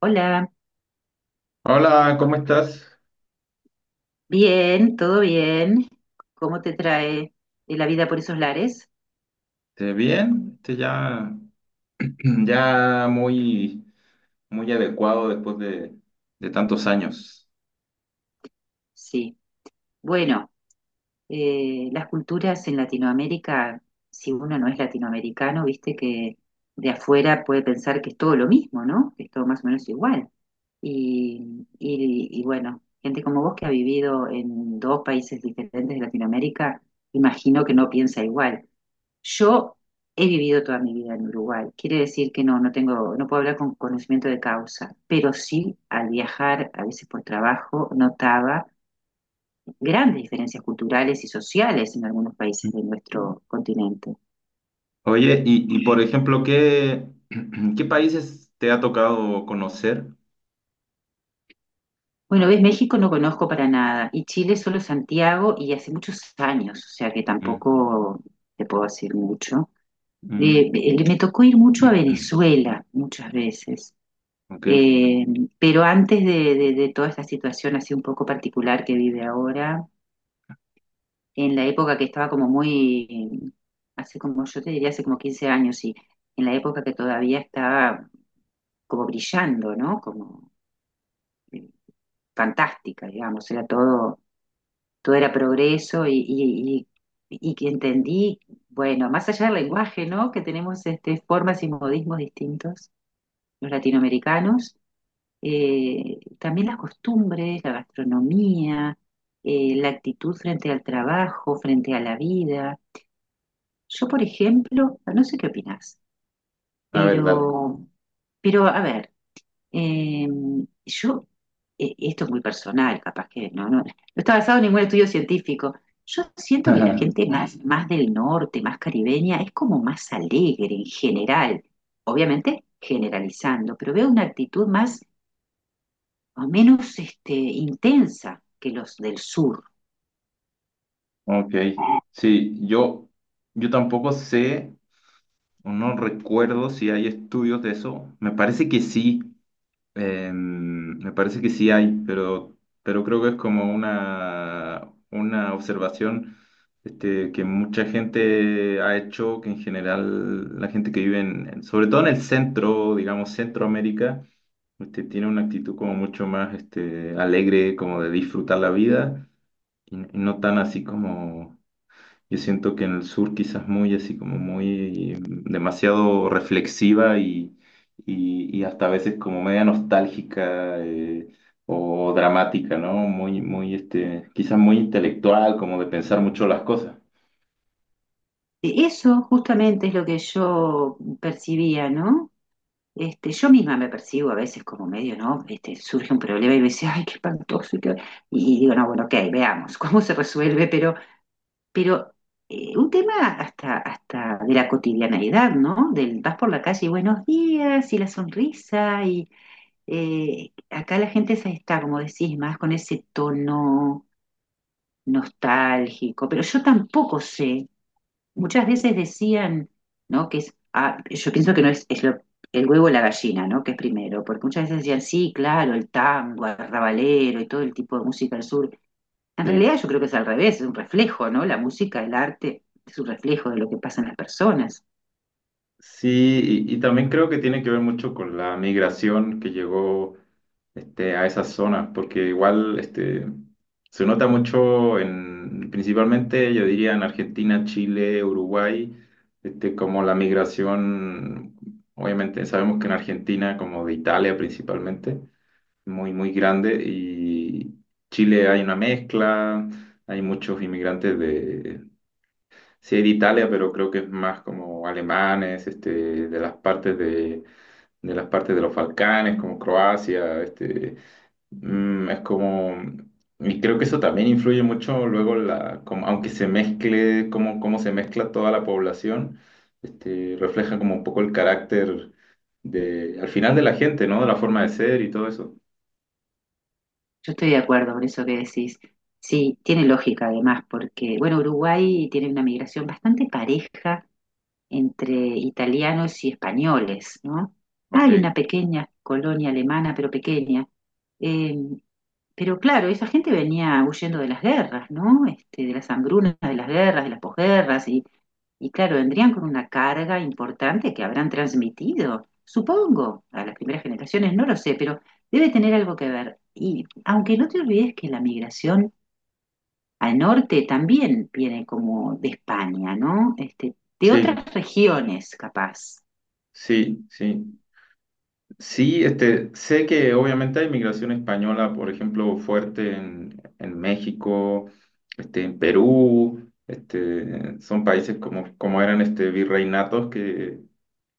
Hola, Hola, ¿cómo estás? bien, todo bien. ¿Cómo te trae la vida por esos lares? ¿Te bien? Este ya, ya muy, muy adecuado después de tantos años. Sí. Bueno, las culturas en Latinoamérica, si uno no es latinoamericano, viste que de afuera puede pensar que es todo lo mismo, ¿no? Que es todo más o menos igual. Y bueno, gente como vos que ha vivido en dos países diferentes de Latinoamérica, imagino que no piensa igual. Yo he vivido toda mi vida en Uruguay. Quiere decir que no tengo, no puedo hablar con conocimiento de causa, pero sí al viajar, a veces por trabajo, notaba grandes diferencias culturales y sociales en algunos países de nuestro continente. Oye, y por ejemplo, ¿ qué países te ha tocado conocer? Bueno, ves, México no conozco para nada y Chile solo Santiago y hace muchos años, o sea que Mm, tampoco te puedo decir mucho. Mm, Me tocó ir mucho a Venezuela muchas veces. ok, Eh, pero antes de toda esta situación así un poco particular que vive ahora, en la época que estaba como muy, hace como, yo te diría hace como 15 años, y en la época que todavía estaba como brillando, ¿no? Como eh, fantástica, digamos, era todo, todo era progreso y que entendí, bueno, más allá del lenguaje, ¿no? Que tenemos este, formas y modismos distintos, los latinoamericanos, también las costumbres, la gastronomía, la actitud frente al trabajo, frente a la vida. Yo, por ejemplo, no sé qué opinás, a ver, dale. pero, pero a ver, eh, yo, esto es muy personal, capaz que no está basado en ningún estudio científico. Yo siento que la gente más, más del norte, más caribeña, es como más alegre en general, obviamente generalizando, pero veo una actitud más o menos este, intensa que los del sur. Ok, sí, yo tampoco sé o no recuerdo si hay estudios de eso. Me parece que sí. Me parece que sí hay, pero creo que es como una observación este, que mucha gente ha hecho, que en general la gente que vive sobre todo en el centro, digamos Centroamérica, este, tiene una actitud como mucho más este, alegre, como de disfrutar la vida, y no tan así como yo siento que en el sur quizás muy así como muy demasiado reflexiva y hasta a veces como media nostálgica o dramática, ¿no? Muy, muy, este, quizás muy intelectual, como de pensar mucho las cosas. Eso justamente es lo que yo percibía, ¿no? Este, yo misma me percibo a veces como medio, ¿no? Este, surge un problema y me dice, ay, qué espantoso. ¿Y qué? Y digo, no, bueno, ok, veamos cómo se resuelve, pero un tema hasta, hasta de la cotidianeidad, ¿no? Del vas por la calle y buenos días y la sonrisa y acá la gente está, como decís, más con ese tono nostálgico, pero yo tampoco sé. Muchas veces decían, ¿no? Que es, ah, yo pienso que no es, es lo- el huevo o la gallina, ¿no? Que es primero, porque muchas veces decían, sí, claro, el tango, el rabalero y todo el tipo de música del sur. En Sí. realidad yo creo que es al revés, es un reflejo, ¿no? La música, el arte, es un reflejo de lo que pasa en las personas. Sí, y también creo que tiene que ver mucho con la migración que llegó este, a esas zonas, porque igual este, se nota mucho en, principalmente yo diría en Argentina, Chile, Uruguay, este, como la migración, obviamente sabemos que en Argentina, como de Italia principalmente, muy, muy grande, y Chile hay una mezcla, hay muchos inmigrantes. Sí, de Italia, pero creo que es más como alemanes, este, de las partes de las partes de los Balcanes, como Croacia, este, es como, y creo que eso también influye mucho luego la, como- aunque se mezcle, cómo se mezcla toda la población, este, refleja como un poco el carácter de, al final de la gente, ¿no? De la forma de ser y todo eso. Yo estoy de acuerdo con eso que decís. Sí, tiene lógica además, porque, bueno, Uruguay tiene una migración bastante pareja entre italianos y españoles, ¿no? Hay una Ok, pequeña colonia alemana, pero pequeña. Eh, pero claro, esa gente venía huyendo de las guerras, ¿no? Este, de las hambrunas, de las guerras, de las posguerras, y claro, vendrían con una carga importante que habrán transmitido, supongo, a las primeras generaciones, no lo sé, pero debe tener algo que ver. Y aunque no te olvides que la migración al norte también viene como de España, ¿no? Este, de sí, otras regiones, capaz. sí, sí. Sí, este, sé que obviamente hay migración española, por ejemplo, fuerte en México, este, en Perú, este, son países como, como eran este, virreinatos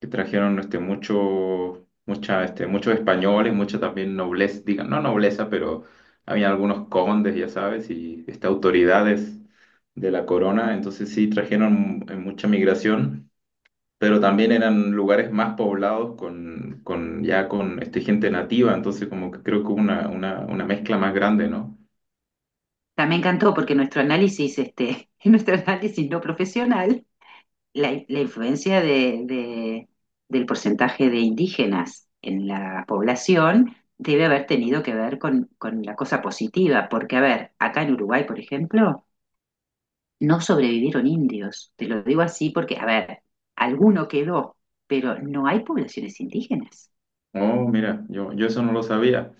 que trajeron este, mucho, mucha, este, muchos españoles, mucha también nobleza, digan, no nobleza, pero había algunos condes, ya sabes, y este, autoridades de la corona, entonces sí trajeron mucha migración, pero también eran lugares más poblados con ya con este, gente nativa, entonces como que creo que hubo una mezcla más grande, ¿no? También me encantó porque nuestro análisis, este, nuestro análisis no profesional, la influencia del porcentaje de indígenas en la población debe haber tenido que ver con la cosa positiva, porque, a ver, acá en Uruguay, por ejemplo, no sobrevivieron indios. Te lo digo así porque, a ver, alguno quedó, pero no hay poblaciones indígenas. Oh, mira, yo eso no lo sabía.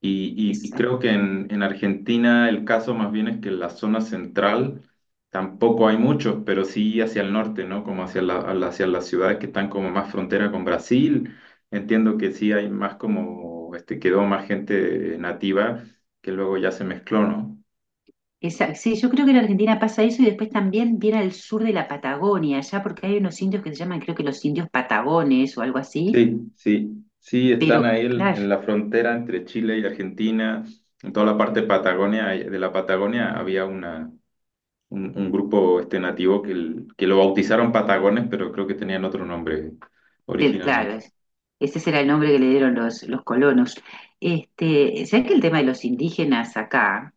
Y Es creo que en Argentina el caso más bien es que en la zona central tampoco hay muchos, pero sí hacia el norte, ¿no? Como hacia la- a la- hacia las ciudades que están como más frontera con Brasil. Entiendo que sí hay más como, este, quedó más gente nativa que luego ya se mezcló, ¿no? Sí, yo creo que en Argentina pasa eso y después también viene al sur de la Patagonia, allá porque hay unos indios que se llaman, creo que los indios patagones o algo así, Sí, sí, sí, están pero ahí el- claro, en la frontera entre Chile y Argentina, en toda la parte Patagonia, de la Patagonia había un grupo este nativo que, el- que lo bautizaron Patagones, pero creo que tenían otro nombre te- claro, originalmente. es- ese será el nombre que le dieron los colonos. Este, ¿sabes que el tema de los indígenas acá?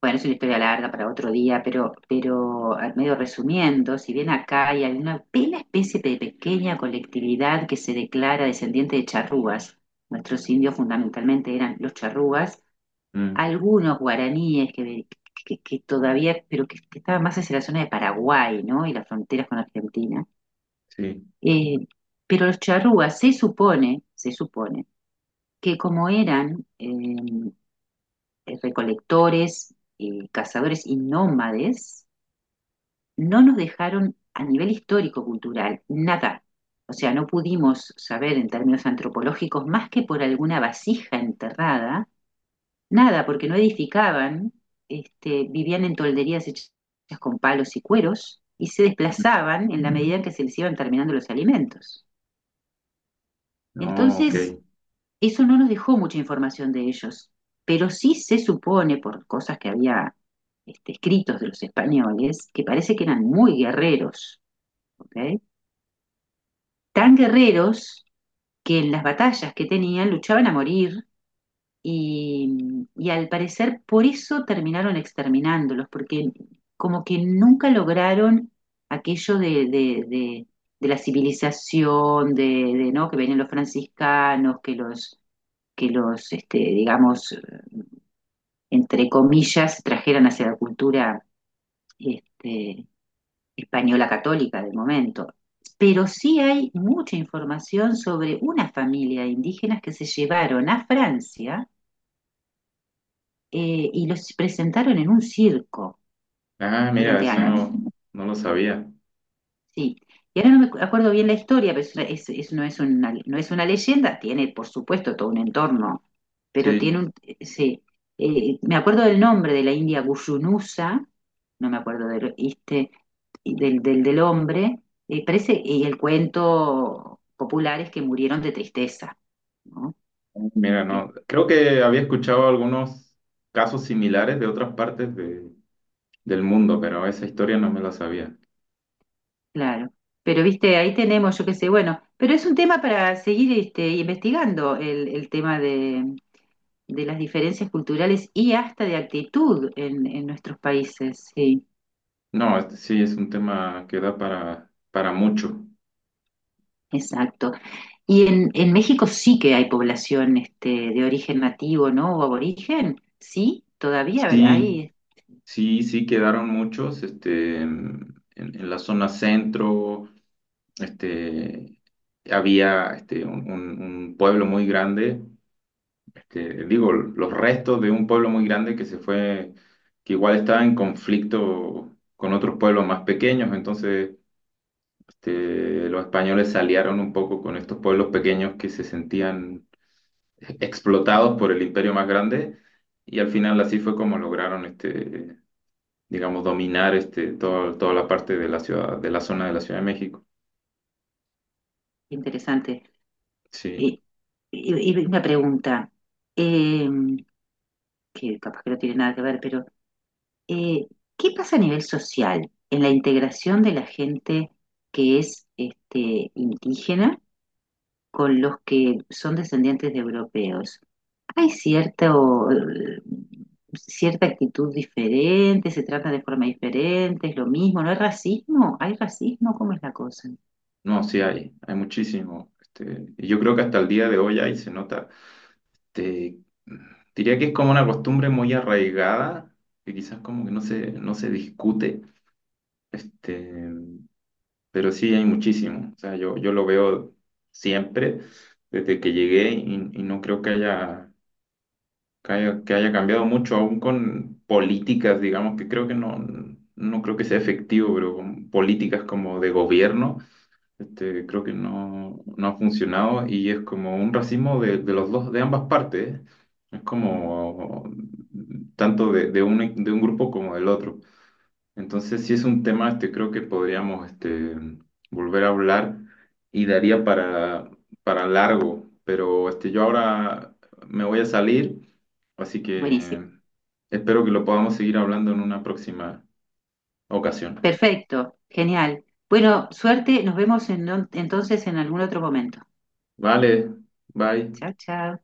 Bueno, es una historia larga para otro día, pero al medio resumiendo, si bien acá hay una pequeña especie de pequeña colectividad que se declara descendiente de charrúas, nuestros indios fundamentalmente eran los charrúas, Mm, algunos guaraníes que todavía, pero que estaban más hacia la zona de Paraguay, ¿no? Y las fronteras con Argentina. sí, Eh, pero los charrúas se supone, que como eran recolectores, cazadores y nómades, no nos dejaron a nivel histórico-cultural nada. O sea, no pudimos saber en términos antropológicos más que por alguna vasija enterrada. Nada, porque no edificaban, este, vivían en tolderías hechas con palos y cueros y se desplazaban en la medida en que se les iban terminando los alimentos. no, ok. Entonces, eso no nos dejó mucha información de ellos, pero sí se supone por cosas que había este, escritos de los españoles que parece que eran muy guerreros, ¿ok? Tan guerreros que en las batallas que tenían luchaban a morir. Y al parecer por eso terminaron exterminándolos, porque como que nunca lograron aquello de la civilización, de, ¿no? Que venían los franciscanos, que los este, digamos, entre comillas, trajeran hacia la cultura este, española católica del momento. Pero sí hay mucha información sobre una familia de indígenas que se llevaron a Francia, y los presentaron en un circo Ah, mira, durante eso años. no, no lo sabía. Sí. Y ahora no me acuerdo bien la historia, pero es, no, es una, no es una leyenda, tiene por supuesto todo un entorno, pero tiene Sí, un... Sí. Me acuerdo del nombre de la india Gushunusa, no me acuerdo del, este, y del, del, del hombre, parece, y el cuento popular es que murieron de tristeza, ¿no? mira, Eh, no. Creo que había escuchado algunos casos similares de otras partes de- del mundo, pero esa historia no me la sabía. Claro, pero viste, ahí tenemos, yo qué sé, bueno, pero es un tema para seguir este, investigando el tema de las diferencias culturales y hasta de actitud en nuestros países, sí, No, este sí es un tema que da para mucho. exacto. Y en México sí que hay población este, de origen nativo, ¿no? O aborigen, sí, todavía a ver, Sí, hay, sí, sí quedaron muchos, este, en la zona centro, este, había este, un pueblo muy grande, este, digo, los restos de un pueblo muy grande que se fue, que igual estaba en conflicto con otros pueblos más pequeños, entonces este, los españoles se aliaron un poco con estos pueblos pequeños que se sentían explotados por el imperio más grande y al final así fue como lograron este, digamos, dominar este, toda la parte de la ciudad, de la zona de la Ciudad de México. interesante. Sí, Y, y una pregunta, eh, que capaz que no tiene nada que ver, pero... Eh, ¿Qué pasa a nivel social en la integración de la gente que es este, indígena con los que son descendientes de europeos? ¿Hay cierta cierta actitud diferente? ¿Se trata de forma diferente? ¿Es lo mismo? ¿No hay racismo? ¿Hay racismo? ¿Cómo es la cosa? no, sí hay muchísimo. Este, y yo creo que hasta el día de hoy ahí se nota. Este, diría que es como una costumbre muy arraigada, que quizás como que no se discute, este, pero sí hay muchísimo. O sea, yo lo veo siempre desde que llegué y no creo que haya que haya cambiado mucho, aún con políticas, digamos, que creo que no, no creo que sea efectivo, pero con políticas como de gobierno, este, creo que no, no ha funcionado y es como un racismo de los dos, de ambas partes, ¿eh? Es como tanto de un grupo como del otro. Entonces, si es un tema, este, creo que podríamos, este, volver a hablar y daría para largo, pero este, yo ahora me voy a salir. Así Buenísimo. que espero que lo podamos seguir hablando en una próxima ocasión. Perfecto. Genial. Bueno, suerte. Nos vemos en- entonces en algún otro momento. Vale, bye. Chao, chao.